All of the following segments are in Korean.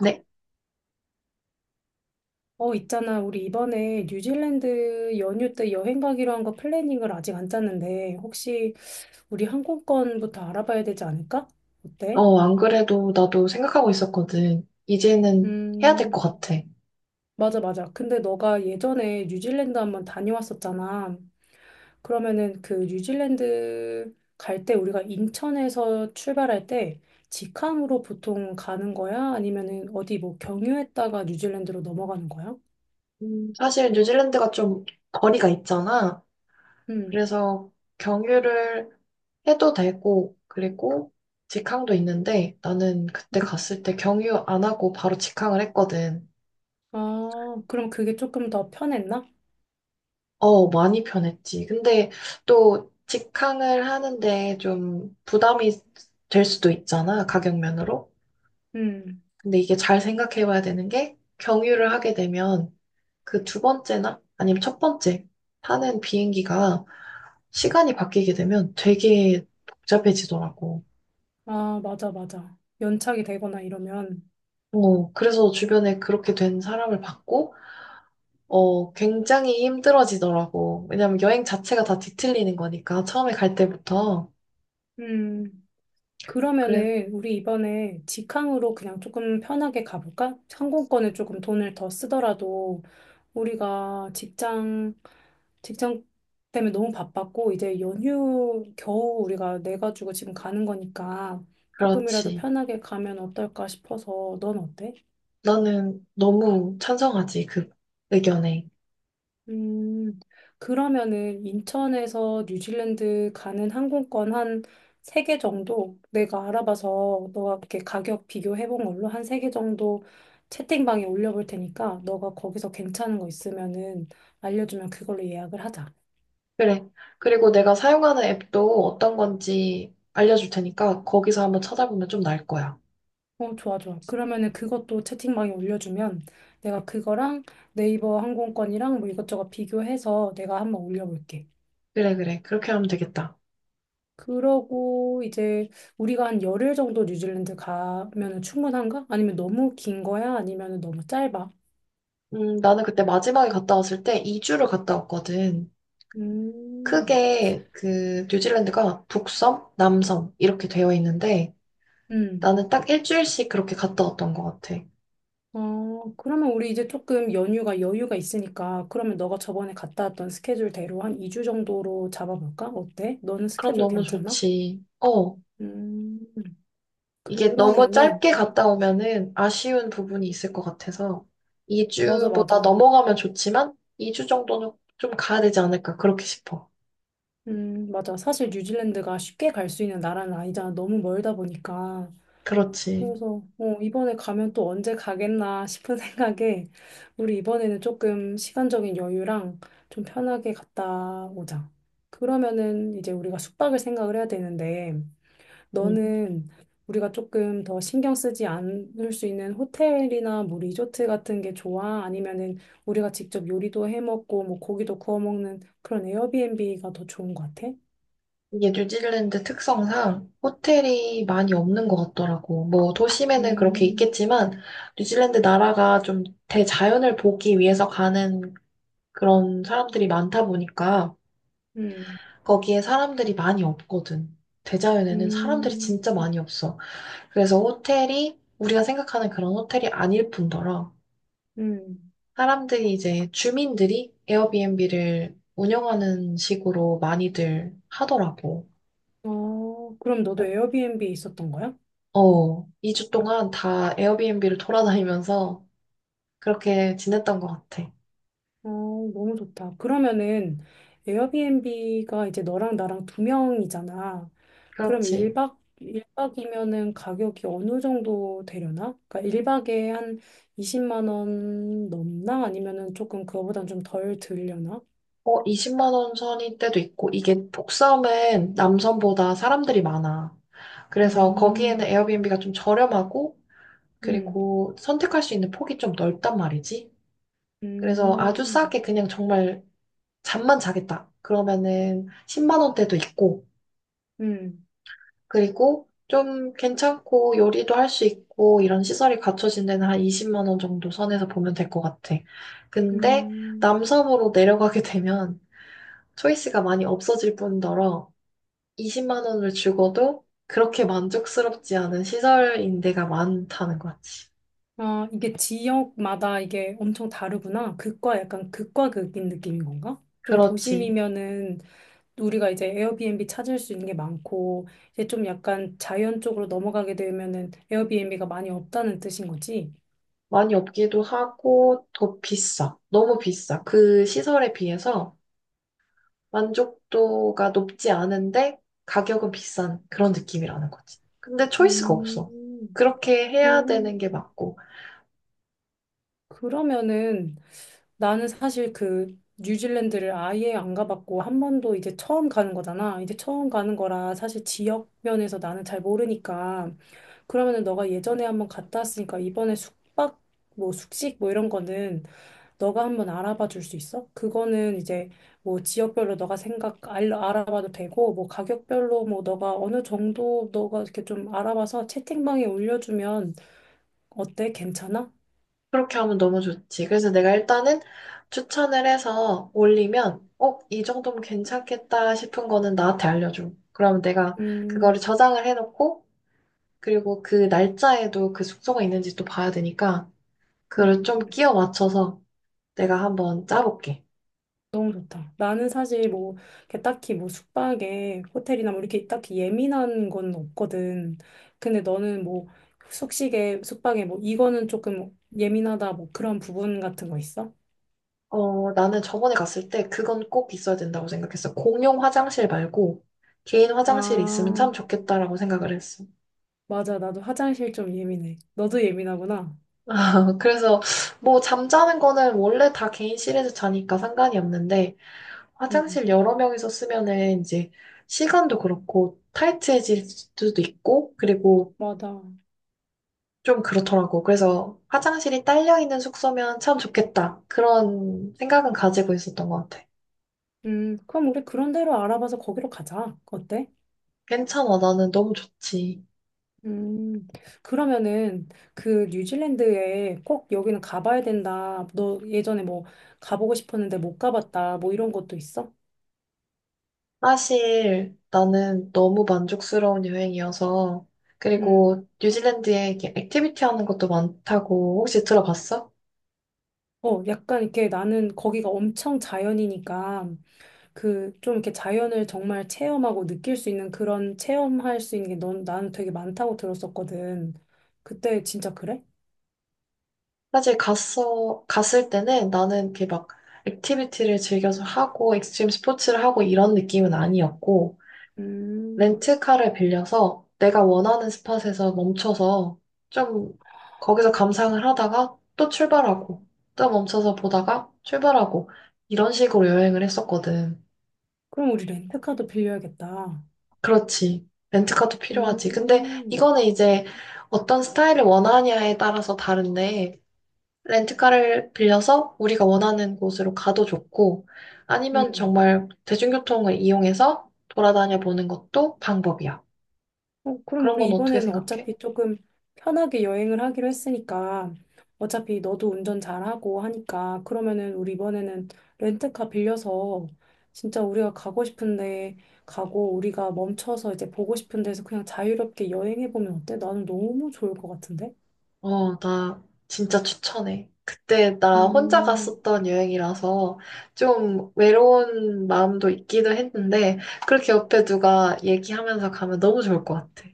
네. 있잖아. 우리 이번에 뉴질랜드 연휴 때 여행 가기로 한 거 플래닝을 아직 안 짰는데, 혹시 우리 항공권부터 알아봐야 되지 않을까? 어때? 안 그래도 나도 생각하고 있었거든. 이제는 해야 될 음, 것 같아. 맞아, 맞아. 근데 너가 예전에 뉴질랜드 한번 다녀왔었잖아. 그러면은 그 뉴질랜드 갈 때 우리가 인천에서 출발할 때 직항으로 보통 가는 거야? 아니면은 어디 뭐 경유했다가 뉴질랜드로 넘어가는 거야? 사실 뉴질랜드가 좀 거리가 있잖아. 음, 그래서 경유를 해도 되고, 그리고 직항도 있는데 나는 그때 음. 갔을 때 경유 안 하고 바로 직항을 했거든. 아, 그럼 그게 조금 더 편했나? 많이 편했지. 근데 또 직항을 하는데 좀 부담이 될 수도 있잖아. 가격면으로. 음. 근데 이게 잘 생각해 봐야 되는 게 경유를 하게 되면 그 두 번째나 아니면 첫 번째 타는 비행기가 시간이 바뀌게 되면 되게 복잡해지더라고. 아, 맞아, 맞아. 연착이 되거나 이러면. 그래서 주변에 그렇게 된 사람을 봤고, 굉장히 힘들어지더라고. 왜냐면 여행 자체가 다 뒤틀리는 거니까, 처음에 갈 때부터. 음, 그래, 그러면은 우리 이번에 직항으로 그냥 조금 편하게 가볼까? 항공권에 조금 돈을 더 쓰더라도 우리가 직장 때문에 너무 바빴고 이제 연휴 겨우 우리가 내가지고 지금 가는 거니까 조금이라도 그렇지. 편하게 가면 어떨까 싶어서 넌 어때? 나는 너무 찬성하지, 그 의견에. 음, 그러면은 인천에서 뉴질랜드 가는 항공권 한 3개 정도 내가 알아봐서 너가 이렇게 가격 비교해 본 걸로 한 3개 정도 채팅방에 올려볼 테니까 너가 거기서 괜찮은 거 있으면은 알려주면 그걸로 예약을 하자. 그래. 그리고 내가 사용하는 앱도 어떤 건지 알려줄 테니까, 거기서 한번 찾아보면 좀 나을 거야. 좋아, 좋아. 그러면은 그것도 채팅방에 올려주면 내가 그거랑 네이버 항공권이랑 뭐 이것저것 비교해서 내가 한번 올려볼게. 그래, 그래. 그렇게 하면 되겠다. 그러고 이제 우리가 한 열흘 정도 뉴질랜드 가면은 충분한가? 아니면 너무 긴 거야? 아니면 너무 짧아? 나는 그때 마지막에 갔다 왔을 때 2주를 갔다 왔거든. 음. 크게 그 뉴질랜드가 북섬, 남섬 이렇게 되어 있는데 음. 나는 딱 일주일씩 그렇게 갔다 왔던 것 같아. 그러면 우리 이제 조금 연휴가 여유가 있으니까 그러면 너가 저번에 갔다 왔던 스케줄대로 한 2주 정도로 잡아볼까? 어때? 너는 그럼 스케줄 너무 괜찮아? 좋지. 어, 음. 이게 너무 그러면은 짧게 갔다 오면은 아쉬운 부분이 있을 것 같아서 맞아 2주보다 맞아. 넘어가면 좋지만 2주 정도는 좀 가야 되지 않을까 그렇게 싶어. 맞아. 사실 뉴질랜드가 쉽게 갈 수 있는 나라는 아니잖아. 너무 멀다 보니까. 그렇지. 그래서 이번에 가면 또 언제 가겠나 싶은 생각에 우리 이번에는 조금 시간적인 여유랑 좀 편하게 갔다 오자. 그러면은 이제 우리가 숙박을 생각을 해야 되는데 너는 우리가 조금 더 신경 쓰지 않을 수 있는 호텔이나 뭐 리조트 같은 게 좋아? 아니면은 우리가 직접 요리도 해 먹고 뭐 고기도 구워 먹는 그런 에어비앤비가 더 좋은 것 같아? 이게 뉴질랜드 특성상 호텔이 많이 없는 것 같더라고. 뭐 도심에는 그렇게 음, 있겠지만 뉴질랜드 나라가 좀 대자연을 보기 위해서 가는 그런 사람들이 많다 보니까 음, 거기에 사람들이 많이 없거든. 대자연에는 사람들이 음, 진짜 많이 없어. 그래서 호텔이 우리가 생각하는 그런 호텔이 아닐 뿐더러 음. 사람들이 이제 주민들이 에어비앤비를 운영하는 식으로 많이들 하더라고. 그럼 너도 에어비앤비에 있었던 거야? 어, 2주 동안 다 에어비앤비를 돌아다니면서 그렇게 지냈던 것 같아. 어, 너무 좋다. 그러면은 에어비앤비가 이제 너랑 나랑 두 명이잖아. 그럼 그렇지. 1박, 일박이면은 가격이 어느 정도 되려나? 그러니까 1박에 한 20만 원 넘나? 아니면은 조금 그거보단 좀 덜 들려나? 어, 20만 원 선일 때도 있고, 이게 독섬은 남섬보다 사람들이 많아. 그래서 거기에는 음, 에어비앤비가 좀 저렴하고, 음, 그리고 선택할 수 있는 폭이 좀 넓단 말이지. 그래서 아주 음, 싸게 그냥 정말 잠만 자겠다. 그러면은 10만 원대도 있고, 음, 그리고 좀 괜찮고 요리도 할 수 있고 이런 시설이 갖춰진 데는 한 20만 원 정도 선에서 보면 될 것 같아. 근데 음. 남섬으로 내려가게 되면 초이스가 많이 없어질 뿐더러 20만 원을 주고도 그렇게 만족스럽지 않은 시설인 데가 많다는 거지. 아, 이게 지역마다 이게 엄청 다르구나. 극과 약간 극과 극인 느낌인 건가? 좀 그렇지. 도심이면은 우리가 이제 에어비앤비 찾을 수 있는 게 많고, 이제 좀 약간 자연 쪽으로 넘어가게 되면은 에어비앤비가 많이 없다는 뜻인 거지. 많이 없기도 하고 더 비싸. 너무 비싸. 그 시설에 비해서 만족도가 높지 않은데 가격은 비싼 그런 느낌이라는 거지. 근데 초이스가 없어. 음, 그렇게 해야 되는 게 그런. 맞고, 그러면은 나는 사실 그 뉴질랜드를 아예 안 가봤고 한 번도 이제 처음 가는 거잖아. 이제 처음 가는 거라 사실 지역 면에서 나는 잘 모르니까 그러면은 너가 예전에 한번 갔다 왔으니까 이번에 숙박 뭐 숙식 뭐 이런 거는 너가 한번 알아봐 줄 수 있어? 그거는 이제 뭐 지역별로 너가 생각 알아봐도 되고 뭐 가격별로 뭐 너가 어느 정도 너가 이렇게 좀 알아봐서 채팅방에 올려주면 어때? 괜찮아? 그렇게 하면 너무 좋지. 그래서 내가 일단은 추천을 해서 올리면, 어, 이 정도면 괜찮겠다 싶은 거는 나한테 알려줘. 그럼 내가 음. 그거를 저장을 해놓고, 그리고 그 날짜에도 그 숙소가 있는지 또 봐야 되니까, 음. 그걸 좀 끼워 맞춰서 내가 한번 짜볼게. 너무 좋다. 나는 사실 뭐, 이렇게 딱히 뭐 숙박에 호텔이나 뭐 이렇게 딱히 예민한 건 없거든. 근데 너는 뭐 숙식에, 숙박에 뭐 이거는 조금 예민하다 뭐 그런 부분 같은 거 있어? 나는 저번에 갔을 때 그건 꼭 있어야 된다고 생각했어. 공용 화장실 말고 개인 화장실이 있으면 아, 참 좋겠다라고 생각을 했어. 맞아. 나도 화장실 좀 예민해. 너도 예민하구나. 그래서 뭐 잠자는 거는 원래 다 개인실에서 자니까 상관이 없는데 응, 화장실 여러 명이서 쓰면은 이제 시간도 그렇고 타이트해질 수도 있고 그리고 맞아. 좀 그렇더라고. 그래서 화장실이 딸려 있는 숙소면 참 좋겠다. 그런 생각은 가지고 있었던 것 같아. 그럼 우리 그런 대로 알아봐서 거기로 가자. 어때? 괜찮아. 나는 너무 좋지. 음, 그러면은 그 뉴질랜드에 꼭 여기는 가봐야 된다. 너 예전에 뭐 가보고 싶었는데 못 가봤다. 뭐 이런 것도 있어? 사실 나는 너무 만족스러운 여행이어서 음, 그리고 뉴질랜드에 이렇게 액티비티 하는 것도 많다고 혹시 들어봤어? 약간 이렇게 나는 거기가 엄청 자연이니까 그 좀 이렇게 자연을 정말 체험하고 느낄 수 있는 그런 체험할 수 있는 게 넌, 나는 되게 많다고 들었었거든. 그때 진짜 그래? 사실 갔어 갔을 때는 나는 이렇게 막 액티비티를 즐겨서 하고 익스트림 스포츠를 하고 이런 느낌은 아니었고 음, 렌트카를 빌려서 내가 원하는 스팟에서 멈춰서 좀 거기서 감상을 하다가 또 출발하고 또 멈춰서 보다가 출발하고 이런 식으로 여행을 했었거든. 그럼 우리 렌트카도 빌려야겠다. 그렇지. 렌트카도 필요하지. 근데 음, 이거는 이제 어떤 스타일을 원하냐에 따라서 다른데, 렌트카를 빌려서 우리가 원하는 곳으로 가도 좋고, 아니면 음. 정말 대중교통을 이용해서 돌아다녀 보는 것도 방법이야. 그럼 그런 우리 건 어떻게 이번에는 생각해? 어차피 조금 편하게 여행을 하기로 했으니까 어차피 너도 운전 잘하고 하니까 그러면은 우리 이번에는 렌트카 빌려서 진짜 우리가 가고 싶은데 가고 우리가 멈춰서 이제 보고 싶은 데서 그냥 자유롭게 여행해 보면 어때? 나는 너무 좋을 것 같은데? 나 진짜 추천해. 그때 나 혼자 음, 갔었던 여행이라서 좀 외로운 마음도 있기도 했는데, 그렇게 옆에 누가 얘기하면서 가면 너무 좋을 것 같아.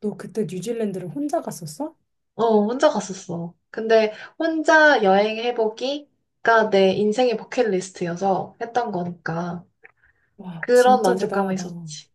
너 그때 뉴질랜드를 혼자 갔었어? 어, 혼자 갔었어. 근데 혼자 여행해보기가 내 인생의 버킷리스트여서 했던 거니까 와, 그런 진짜 만족감이 대단하다. 있었지.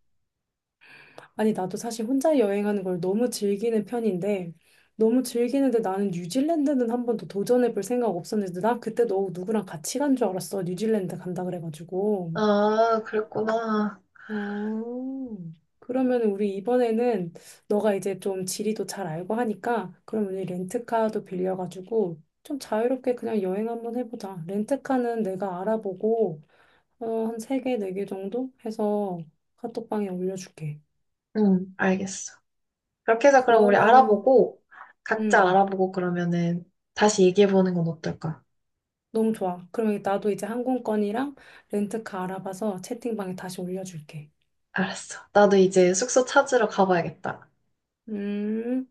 아니, 나도 사실 혼자 여행하는 걸 너무 즐기는 편인데, 너무 즐기는데 나는 뉴질랜드는 한 번도 도전해볼 생각 없었는데, 난 그때 너 누구랑 같이 간 줄 알았어. 뉴질랜드 간다 그래가지고. 아, 그랬구나. 어, 그러면 우리 이번에는 너가 이제 좀 지리도 잘 알고 하니까, 그럼 우리 렌트카도 빌려가지고, 좀 자유롭게 그냥 여행 한번 해보자. 렌트카는 내가 알아보고, 한 세개네 개네개 정도 해서 카톡방에 올려줄게. 응, 알겠어. 그렇게 해서 그럼 우리 그러면은, 알아보고 각자 음. 알아보고 그러면은 다시 얘기해보는 건 어떨까? 너무 좋아. 그러면 나도 이제 항공권이랑 렌트카 알아봐서 채팅방에 다시 올려줄게. 알았어. 나도 이제 숙소 찾으러 가봐야겠다. 음.